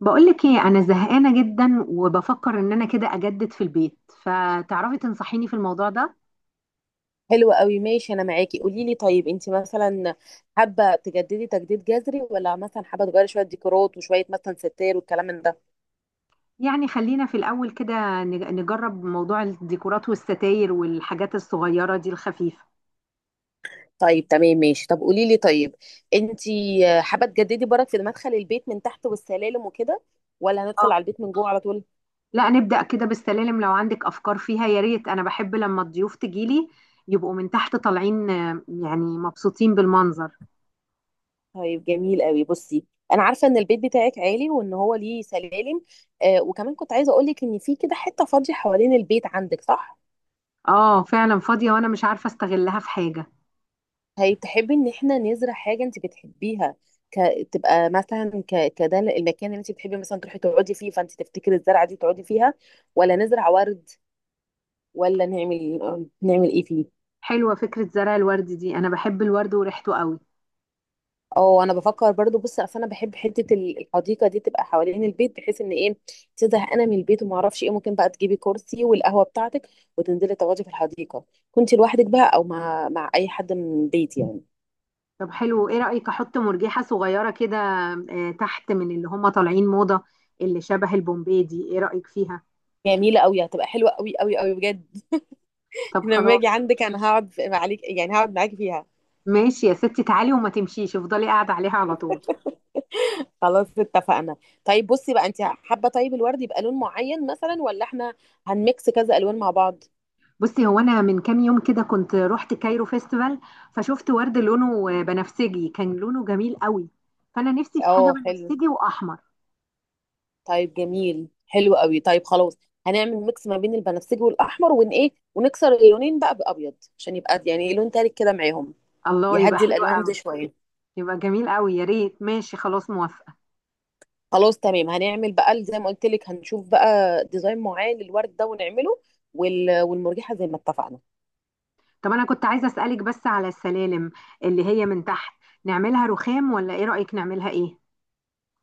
بقولك ايه؟ انا زهقانه جدا وبفكر ان انا كده اجدد في البيت، فتعرفي تنصحيني في الموضوع ده؟ حلو قوي، ماشي. انا معاكي. قولي لي، طيب انت مثلا حابه تجددي تجديد جذري ولا مثلا حابه تغيري شويه ديكورات وشويه مثلا ستاير والكلام من ده؟ يعني خلينا في الاول كده نجرب موضوع الديكورات والستاير والحاجات الصغيره دي الخفيفه. طيب تمام ماشي. طب قولي لي، طيب انت حابه تجددي برك في مدخل البيت من تحت والسلالم وكده ولا اه، هندخل على البيت من جوه على طول؟ لا، نبدا كده بالسلالم. لو عندك افكار فيها يا ريت. انا بحب لما الضيوف تجيلي يبقوا من تحت طالعين، يعني مبسوطين بالمنظر. طيب جميل قوي. بصي، انا عارفه ان البيت بتاعك عالي وان هو ليه سلالم. آه، وكمان كنت عايزه اقول لك ان في كده حته فاضيه حوالين البيت عندك، صح؟ اه فعلا فاضيه وانا مش عارفه استغلها في حاجه. هي تحبي ان احنا نزرع حاجه انت بتحبيها ك... تبقى مثلا كده المكان اللي انت بتحبي مثلا تروحي تقعدي فيه، فانت تفتكري الزرعه دي تقعدي فيها، ولا نزرع ورد، ولا نعمل ايه فيه؟ حلوه فكره زرع الورد دي، انا بحب الورد وريحته قوي. اه، انا بفكر برضو. بص، اصل انا بحب حته الحديقه دي تبقى حوالين البيت، بحيث ان ايه، تزهق انا من البيت، وما اعرفش ايه ممكن بقى تجيبي كرسي والقهوه بتاعتك وتنزلي تقعدي في الحديقه. كنت لوحدك بقى او مع اي حد من بيتي يعني. طب حلو، ايه رأيك احط مرجحة صغيرة كده، تحت، من اللي هم طالعين موضة، اللي شبه البومبي دي؟ ايه رأيك فيها؟ جميله قوي، هتبقى حلوه قوي قوي قوي بجد. طب لما خلاص. اجي عندك انا هقعد عليك، يعني هقعد معاكي فيها. ماشي يا ستي، تعالي وما تمشيش، افضلي قاعدة عليها على طول. خلاص اتفقنا. طيب بصي بقى، انت حابه طيب الورد يبقى لون معين مثلا، ولا احنا هنميكس كذا الوان مع بعض؟ بصي، هو انا من كام يوم كده كنت رحت كايرو فيستيفال، فشفت ورد لونه، بنفسجي، كان لونه جميل قوي. فانا نفسي في حاجة اه حلو. بنفسجي واحمر. طيب جميل حلو قوي، طيب خلاص هنعمل ميكس ما بين البنفسجي والاحمر ون ايه، ونكسر اللونين بقى بابيض عشان يبقى يعني لون تالت كده معاهم، الله، يبقى يهدي حلو الالوان قوي. دي شويه. يبقى جميل قوي يا ريت. ماشي، خلاص، موافقة. خلاص تمام. هنعمل بقى زي ما قلت لك، هنشوف بقى ديزاين معين للورد ده ونعمله، والمرجحه زي ما اتفقنا. طب انا كنت عايزه اسالك بس على السلالم اللي هي من تحت، نعملها رخام ولا ايه رايك نعملها ايه؟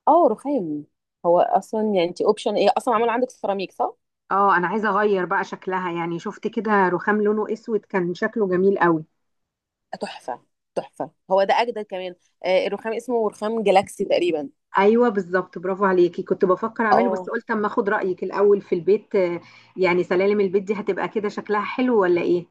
اه رخام. هو اصلا يعني انت اوبشن ايه اصلا، معمول عندك سيراميك صح؟ اه، انا عايزه اغير بقى شكلها. يعني شفت كده رخام لونه اسود كان شكله جميل قوي. تحفه. تحفه، هو ده اجدد كمان. آه، الرخام اسمه رخام جالاكسي تقريبا. ايوه بالظبط، برافو عليكي، كنت بفكر اعمله بس اه قلت اما اخد رايك الاول في البيت، يعني سلالم البيت دي هتبقى كده شكلها حلو ولا ايه؟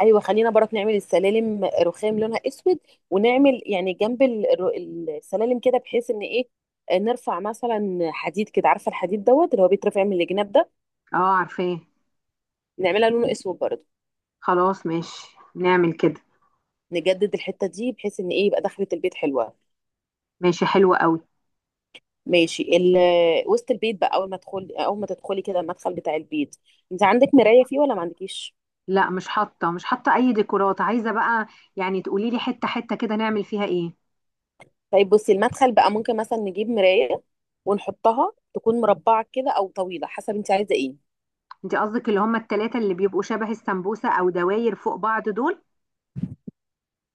ايوه، خلينا برك نعمل السلالم رخام لونها اسود، ونعمل يعني جنب السلالم كده، بحيث ان ايه، آه، نرفع مثلا حديد كده، عارفه الحديد دوت اللي هو بيترفع من الجناب ده، اه عارفاه. نعملها لونه اسود برضه. خلاص ماشي، نعمل كده. نجدد الحته دي بحيث ان ايه، يبقى دخلة البيت حلوه. ماشي حلو قوي. ماشي. وسط البيت بقى، اول ما تدخلي كده المدخل بتاع البيت، انت عندك مرايه فيه ولا ما عندكيش؟ لا مش حاطه، مش حاطه اي ديكورات. عايزه بقى يعني تقولي لي حته حته كده نعمل فيها ايه. طيب بصي، المدخل بقى ممكن مثلا نجيب مرايه ونحطها، تكون مربعه كده او طويله حسب انت عايزه ايه. انت قصدك اللي هم التلاتة اللي بيبقوا شبه السمبوسة او دواير فوق بعض دول؟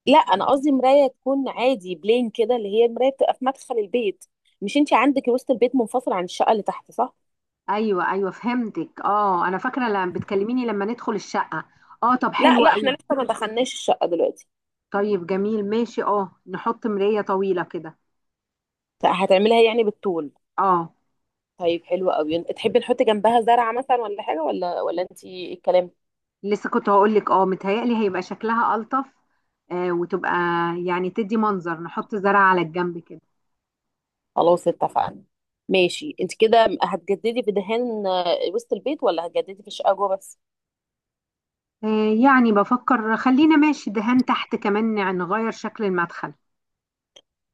لا، انا قصدي مرايه تكون عادي بلين كده، اللي هي المرايه بتبقى في مدخل البيت. مش انت عندك وسط البيت منفصل عن الشقه اللي تحت صح؟ ايوه ايوه، فهمتك. اه انا فاكرة لما بتكلميني لما ندخل الشقة. اه طب لا حلو لا، قوي. احنا لسه ما دخلناش الشقه دلوقتي. طيب جميل ماشي. اه، نحط مراية طويلة كده. هتعملها يعني بالطول؟ اه. طيب حلو قوي. تحبي نحط جنبها زرعه مثلا، ولا حاجه، ولا انت ايه الكلام؟ لسه كنت هقول لك، اه متهيألي هيبقى شكلها ألطف، آه، وتبقى يعني تدي منظر، نحط زرع على الجنب كده. خلاص اتفقنا. ماشي، انت كده هتجددي في دهان آه، وسط البيت، ولا هتجددي في الشقه جوه بس؟ آه، يعني بفكر، خلينا ماشي، دهان تحت كمان، نغير شكل المدخل.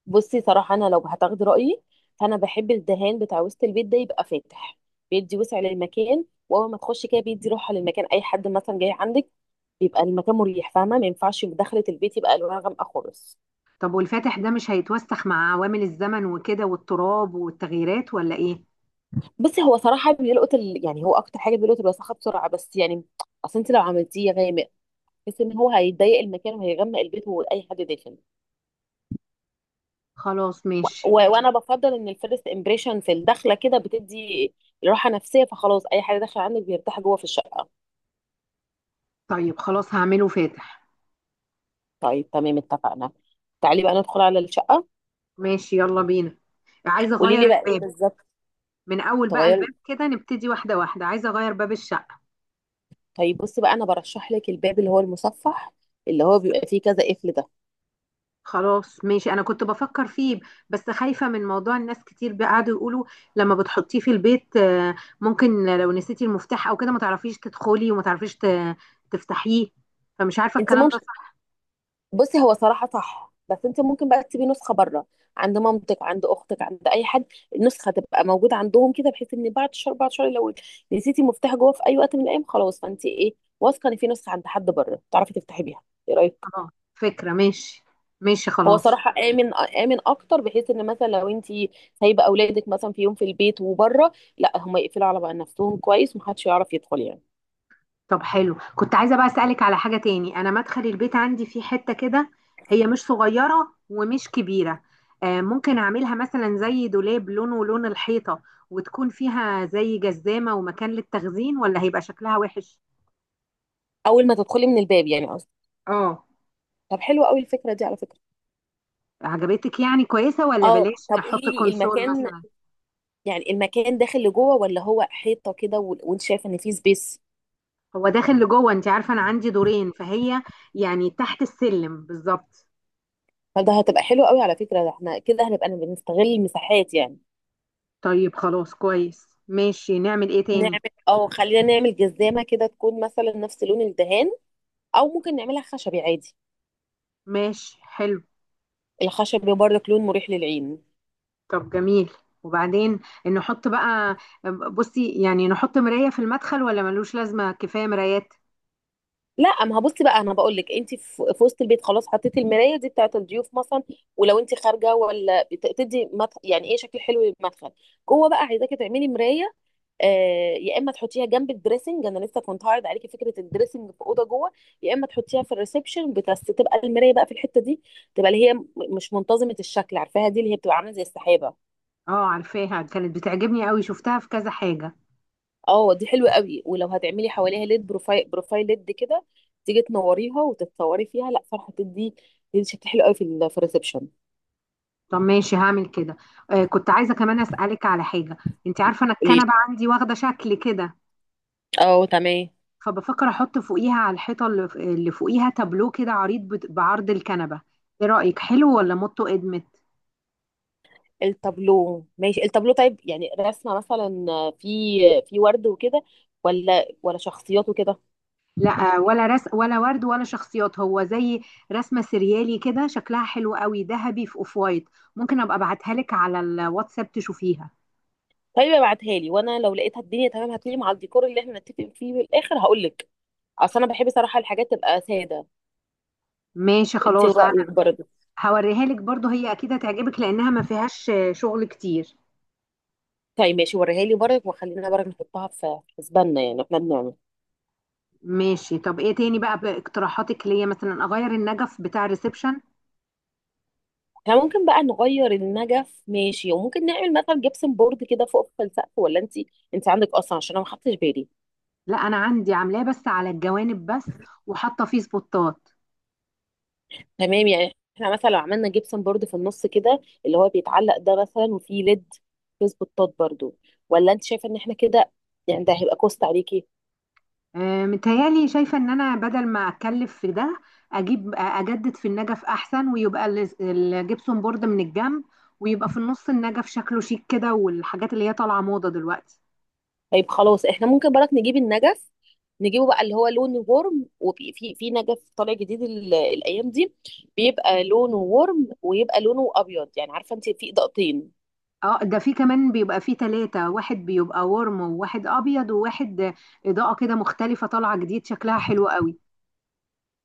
بصي، صراحه انا لو هتاخدي رايي، فانا بحب الدهان بتاع وسط البيت ده يبقى فاتح، بيدي وسع للمكان، واول ما تخشي كده بيدي راحه للمكان. اي حد مثلا جاي عندك يبقى المكان مريح، فاهمه؟ ما ينفعش دخلة البيت يبقى الوانها غامقه خالص. طب والفاتح ده مش هيتوسخ مع عوامل الزمن وكده والتراب والتغييرات ولا ايه؟ بصي، هو صراحه بيلقط يعني هو اكتر حاجه بيلقط الوساخه بسرعه، بس يعني اصل انت لو عملتيه غامق، بس ان هو هيضيق المكان وهيغمق البيت واي حد داخل. خلاص ماشي. وانا بفضل ان الفيرست امبريشن في الدخله كده بتدي راحه نفسيه، فخلاص اي حاجه داخله عندك بيرتاح جوه في الشقه. طيب خلاص، هعمله فاتح. طيب تمام اتفقنا. تعالي بقى ندخل على الشقه. ماشي يلا بينا. عايزه قولي اغير لي بقى ايه الباب. بالظبط. من اول بقى الباب تغير. كده نبتدي، واحده واحده. عايزه اغير باب الشقه. طيب بصي بقى، انا برشح لك الباب اللي هو المصفح، اللي هو بيبقى فيه كذا قفل ده. خلاص ماشي، انا كنت بفكر فيه، بس خايفه من موضوع الناس كتير بقى قعدوا يقولوا لما بتحطيه في البيت، ممكن لو نسيتي المفتاح او كده ما تعرفيش تدخلي وما تعرفيش تفتحيه. فمش عارفه انت الكلام ده ممكن، صح. بصي هو صراحة صح، بس انت ممكن بقى تسيبي نسخة بره، عند مامتك، عند اختك، عند اي حد. النسخة تبقى موجودة عندهم كده، بحيث ان بعد شهر بعد شهر لو نسيتي مفتاح جوه في اي وقت من الايام، خلاص، فانت ايه، واثقة ان في نسخة عند حد بره تعرفي تفتحي بيها. ايه رأيك؟ خلاص فكره، ماشي. ماشي هو خلاص. صراحة آمن آمن أكتر، بحيث إن مثلا لو أنت سايبة أولادك مثلا في يوم في البيت وبره، لا هما يقفلوا على بقى نفسهم كويس ومحدش يعرف يدخل يعني. طب حلو، كنت عايزة بقى أسألك على حاجة تاني. أنا مدخل البيت عندي في حتة كده، هي مش صغيرة ومش كبيرة، ممكن أعملها مثلا زي دولاب لونه لون الحيطة، وتكون فيها زي جزامة ومكان للتخزين، ولا هيبقى شكلها وحش؟ أول ما تدخلي من الباب، يعني قصدي. اه. طب حلوة أوي الفكرة دي على فكرة. عجبتك يعني، كويسة، ولا اه. بلاش طب قولي نحط لي كونسول المكان، مثلا؟ يعني المكان داخل لجوه ولا هو حيطه كده، وانت شايف ان في سبيس؟ هو داخل لجوه. انت عارفة أنا عندي دورين، فهي يعني تحت السلم بالظبط. فده هتبقى حلو قوي على فكره، ده احنا كده هنبقى بنستغل المساحات يعني. طيب خلاص كويس. ماشي نعمل ايه تاني؟ نعمل، او خلينا نعمل جزامه كده تكون مثلا نفس لون الدهان، او ممكن نعملها خشبي عادي. ماشي حلو. الخشبي برضك لون مريح للعين. طب جميل، وبعدين نحط بقى، بصي يعني نحط مراية في المدخل ولا ملوش لازمة، كفاية مرايات؟ لا، ما هبصي بقى انا بقول لك، انت في وسط البيت خلاص حطيتي المرايه دي بتاعه الضيوف مثلا. ولو انت خارجه ولا بتدي مدخل، يعني ايه شكل حلو للمدخل، جوه بقى عايزاكي تعملي مرايه، آه، يا اما تحطيها جنب الدريسنج، انا لسه كنت هعرض عليكي فكره الدريسنج في اوضه جوه، يا اما تحطيها في الريسبشن بس تبقى المرايه بقى في الحته دي، تبقى اللي هي مش منتظمه الشكل، عارفاها دي اللي هي بتبقى عامله زي السحابه. اه عارفاها، كانت بتعجبني قوي، شفتها في كذا حاجة. اه، دي حلوه قوي. ولو هتعملي حواليها ليد بروفايل بروفايل ليد كده، تيجي تنوريها وتتصوري فيها، لا صراحه تدي شكل حلو قوي في في الريسبشن. طب ماشي، هعمل كده. آه كنت عايزة كمان أسألك على حاجة. انت عارفة انا قوليلي. الكنبة عندي واخدة شكل كده، اه تمام. فبفكر احط فوقيها على الحيطة اللي فوقيها تابلو كده عريض بعرض الكنبة. ايه رأيك، حلو ولا موتو ادمت؟ التابلو ماشي، التابلو طيب يعني رسمه مثلا، في ورد وكده، ولا شخصيات وكده؟ لا، ولا رس، ولا ورد، ولا شخصيات. هو زي رسمة سريالي كده، شكلها حلو قوي، ذهبي في اوف وايت. ممكن ابقى ابعتها لك على الواتساب تشوفيها. طيب ابعتها لي، وانا لو لقيتها الدنيا تمام هتليق مع الديكور اللي احنا نتفق فيه بالاخر هقول لك. اصل انا بحب صراحه الحاجات تبقى ساده. ماشي انت خلاص. انا رايك برضه. هوريها لك برضو، هي اكيد هتعجبك لانها ما فيهاش شغل كتير. طيب ماشي، وريها لي برضك وخلينا برضك نحطها في حسباننا، يعني احنا بنعمل. ماشي. طب ايه تاني بقى باقتراحاتك ليا؟ مثلا اغير النجف بتاع الريسبشن؟ احنا ممكن بقى نغير النجف ماشي، وممكن نعمل مثلا جبسن بورد كده فوق في السقف، ولا انت عندك اصلا؟ عشان انا ما خدتش بالي. لا انا عندي عاملاه بس على الجوانب بس، وحاطه فيه سبوتات. تمام، يعني احنا مثلا لو عملنا جبسن بورد في النص كده اللي هو بيتعلق ده مثلا وفيه ليد فيس بطاط برضه، ولا انت شايفه ان احنا كده، يعني ده هيبقى كوست عليكي؟ متهيألي شايفة إن أنا بدل ما أتكلف في ده، أجيب أجدد في النجف أحسن، ويبقى الجبسون بورد من الجنب، ويبقى في النص النجف شكله شيك كده، والحاجات اللي هي طالعة موضة دلوقتي. طيب خلاص، احنا ممكن برك نجيب النجف، نجيبه بقى اللي هو لون ورم، وفي في في نجف طالع جديد الايام دي، بيبقى لونه ورم ويبقى لونه ابيض، يعني عارفه انت في اضاءتين. اه، ده في كمان بيبقى فيه تلاتة، واحد بيبقى ورم وواحد أبيض وواحد إضاءة كده مختلفة، طالعة جديد شكلها حلو قوي.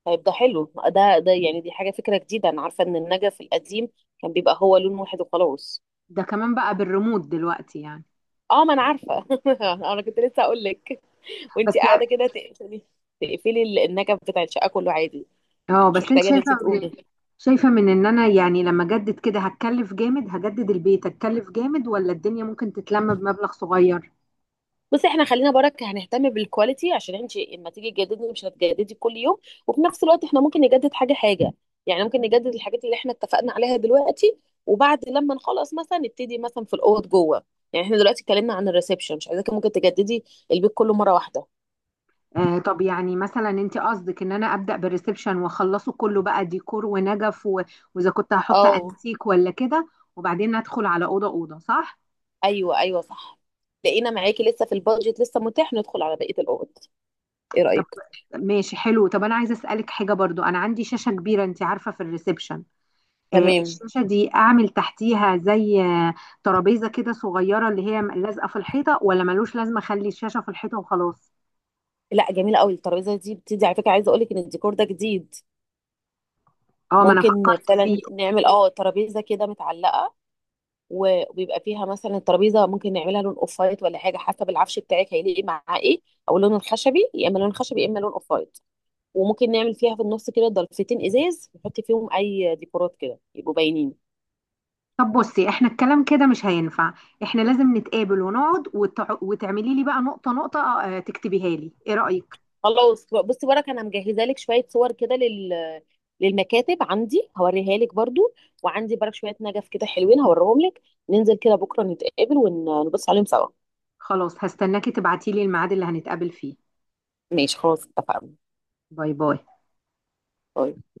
طيب ده حلو، ده يعني دي حاجه فكره جديده، انا عارفه ان النجف القديم كان بيبقى هو لون واحد وخلاص. ده كمان بقى بالريموت دلوقتي يعني. اه ما انا عارفه. انا كنت لسه اقول لك، بس. وانت قاعده كده تقفلي النجف بتاع الشقه كله عادي، اه، مش بس انت محتاجه ان شايفه انت من، تقومي. شايفه من ان انا يعني لما اجدد كده هتكلف جامد، هجدد البيت هتكلف جامد، ولا الدنيا ممكن تتلم بمبلغ صغير؟ بصي، احنا خلينا برك هنهتم بالكواليتي، عشان انت اما تيجي تجددي مش هتجددي كل يوم. وفي نفس الوقت احنا ممكن نجدد حاجه حاجه، يعني ممكن نجدد الحاجات اللي احنا اتفقنا عليها دلوقتي، وبعد لما نخلص مثلا نبتدي مثلا في الاوض جوه. يعني احنا دلوقتي اتكلمنا عن الريسبشن، مش عايزاكي ممكن تجددي البيت كله مره واحده. آه طب، يعني مثلا انت قصدك ان انا ابدا بالريسبشن واخلصه كله بقى، ديكور ونجف واذا كنت هحط اه انتيك ولا كده، وبعدين ادخل على اوضه اوضه، صح؟ ايوه ايوه صح. لقينا معاكي لسه في البادجت، لسه متاح ندخل على بقيه الاوض. ايه طب رايك؟ ماشي حلو. طب انا عايزه اسالك حاجه برضو، انا عندي شاشه كبيره انت عارفه في الريسبشن، تمام. الشاشة دي أعمل تحتيها زي، ترابيزة كده صغيرة اللي هي لازقة في الحيطة، ولا ملوش لازمة أخلي الشاشة في الحيطة وخلاص؟ لا، جميله قوي الترابيزه دي، بتدي على فكره. عايزه اقول لك ان الديكور ده جديد. اه ما أنا ممكن فكرت فيه. فعلا نعمل اه ترابيزه كده متعلقه، وبيبقى فيها مثلا. الترابيزه ممكن نعملها لون اوف وايت ولا حاجه، حسب العفش بتاعك هيليق مع ايه، او لون الخشبي، يا اما لون خشبي يا اما لون اوف وايت. وممكن نعمل فيها في النص كده ضلفتين ازاز، نحط فيهم اي ديكورات كده يبقوا باينين. طب بصي، احنا الكلام كده مش هينفع، احنا لازم نتقابل ونقعد، وتعملي لي بقى نقطة نقطة، تكتبيها لي، ايه رأيك؟ خلاص بصي بركه، انا مجهزه لك شويه صور كده للمكاتب عندي، هوريها لك برضو. وعندي برك شويه نجف كده حلوين هوريهم لك. ننزل كده بكره نتقابل ونبص عليهم سوا. خلاص، هستناكي تبعتي لي الميعاد اللي هنتقابل فيه. ماشي خلاص اتفقنا. باي باي. طيب.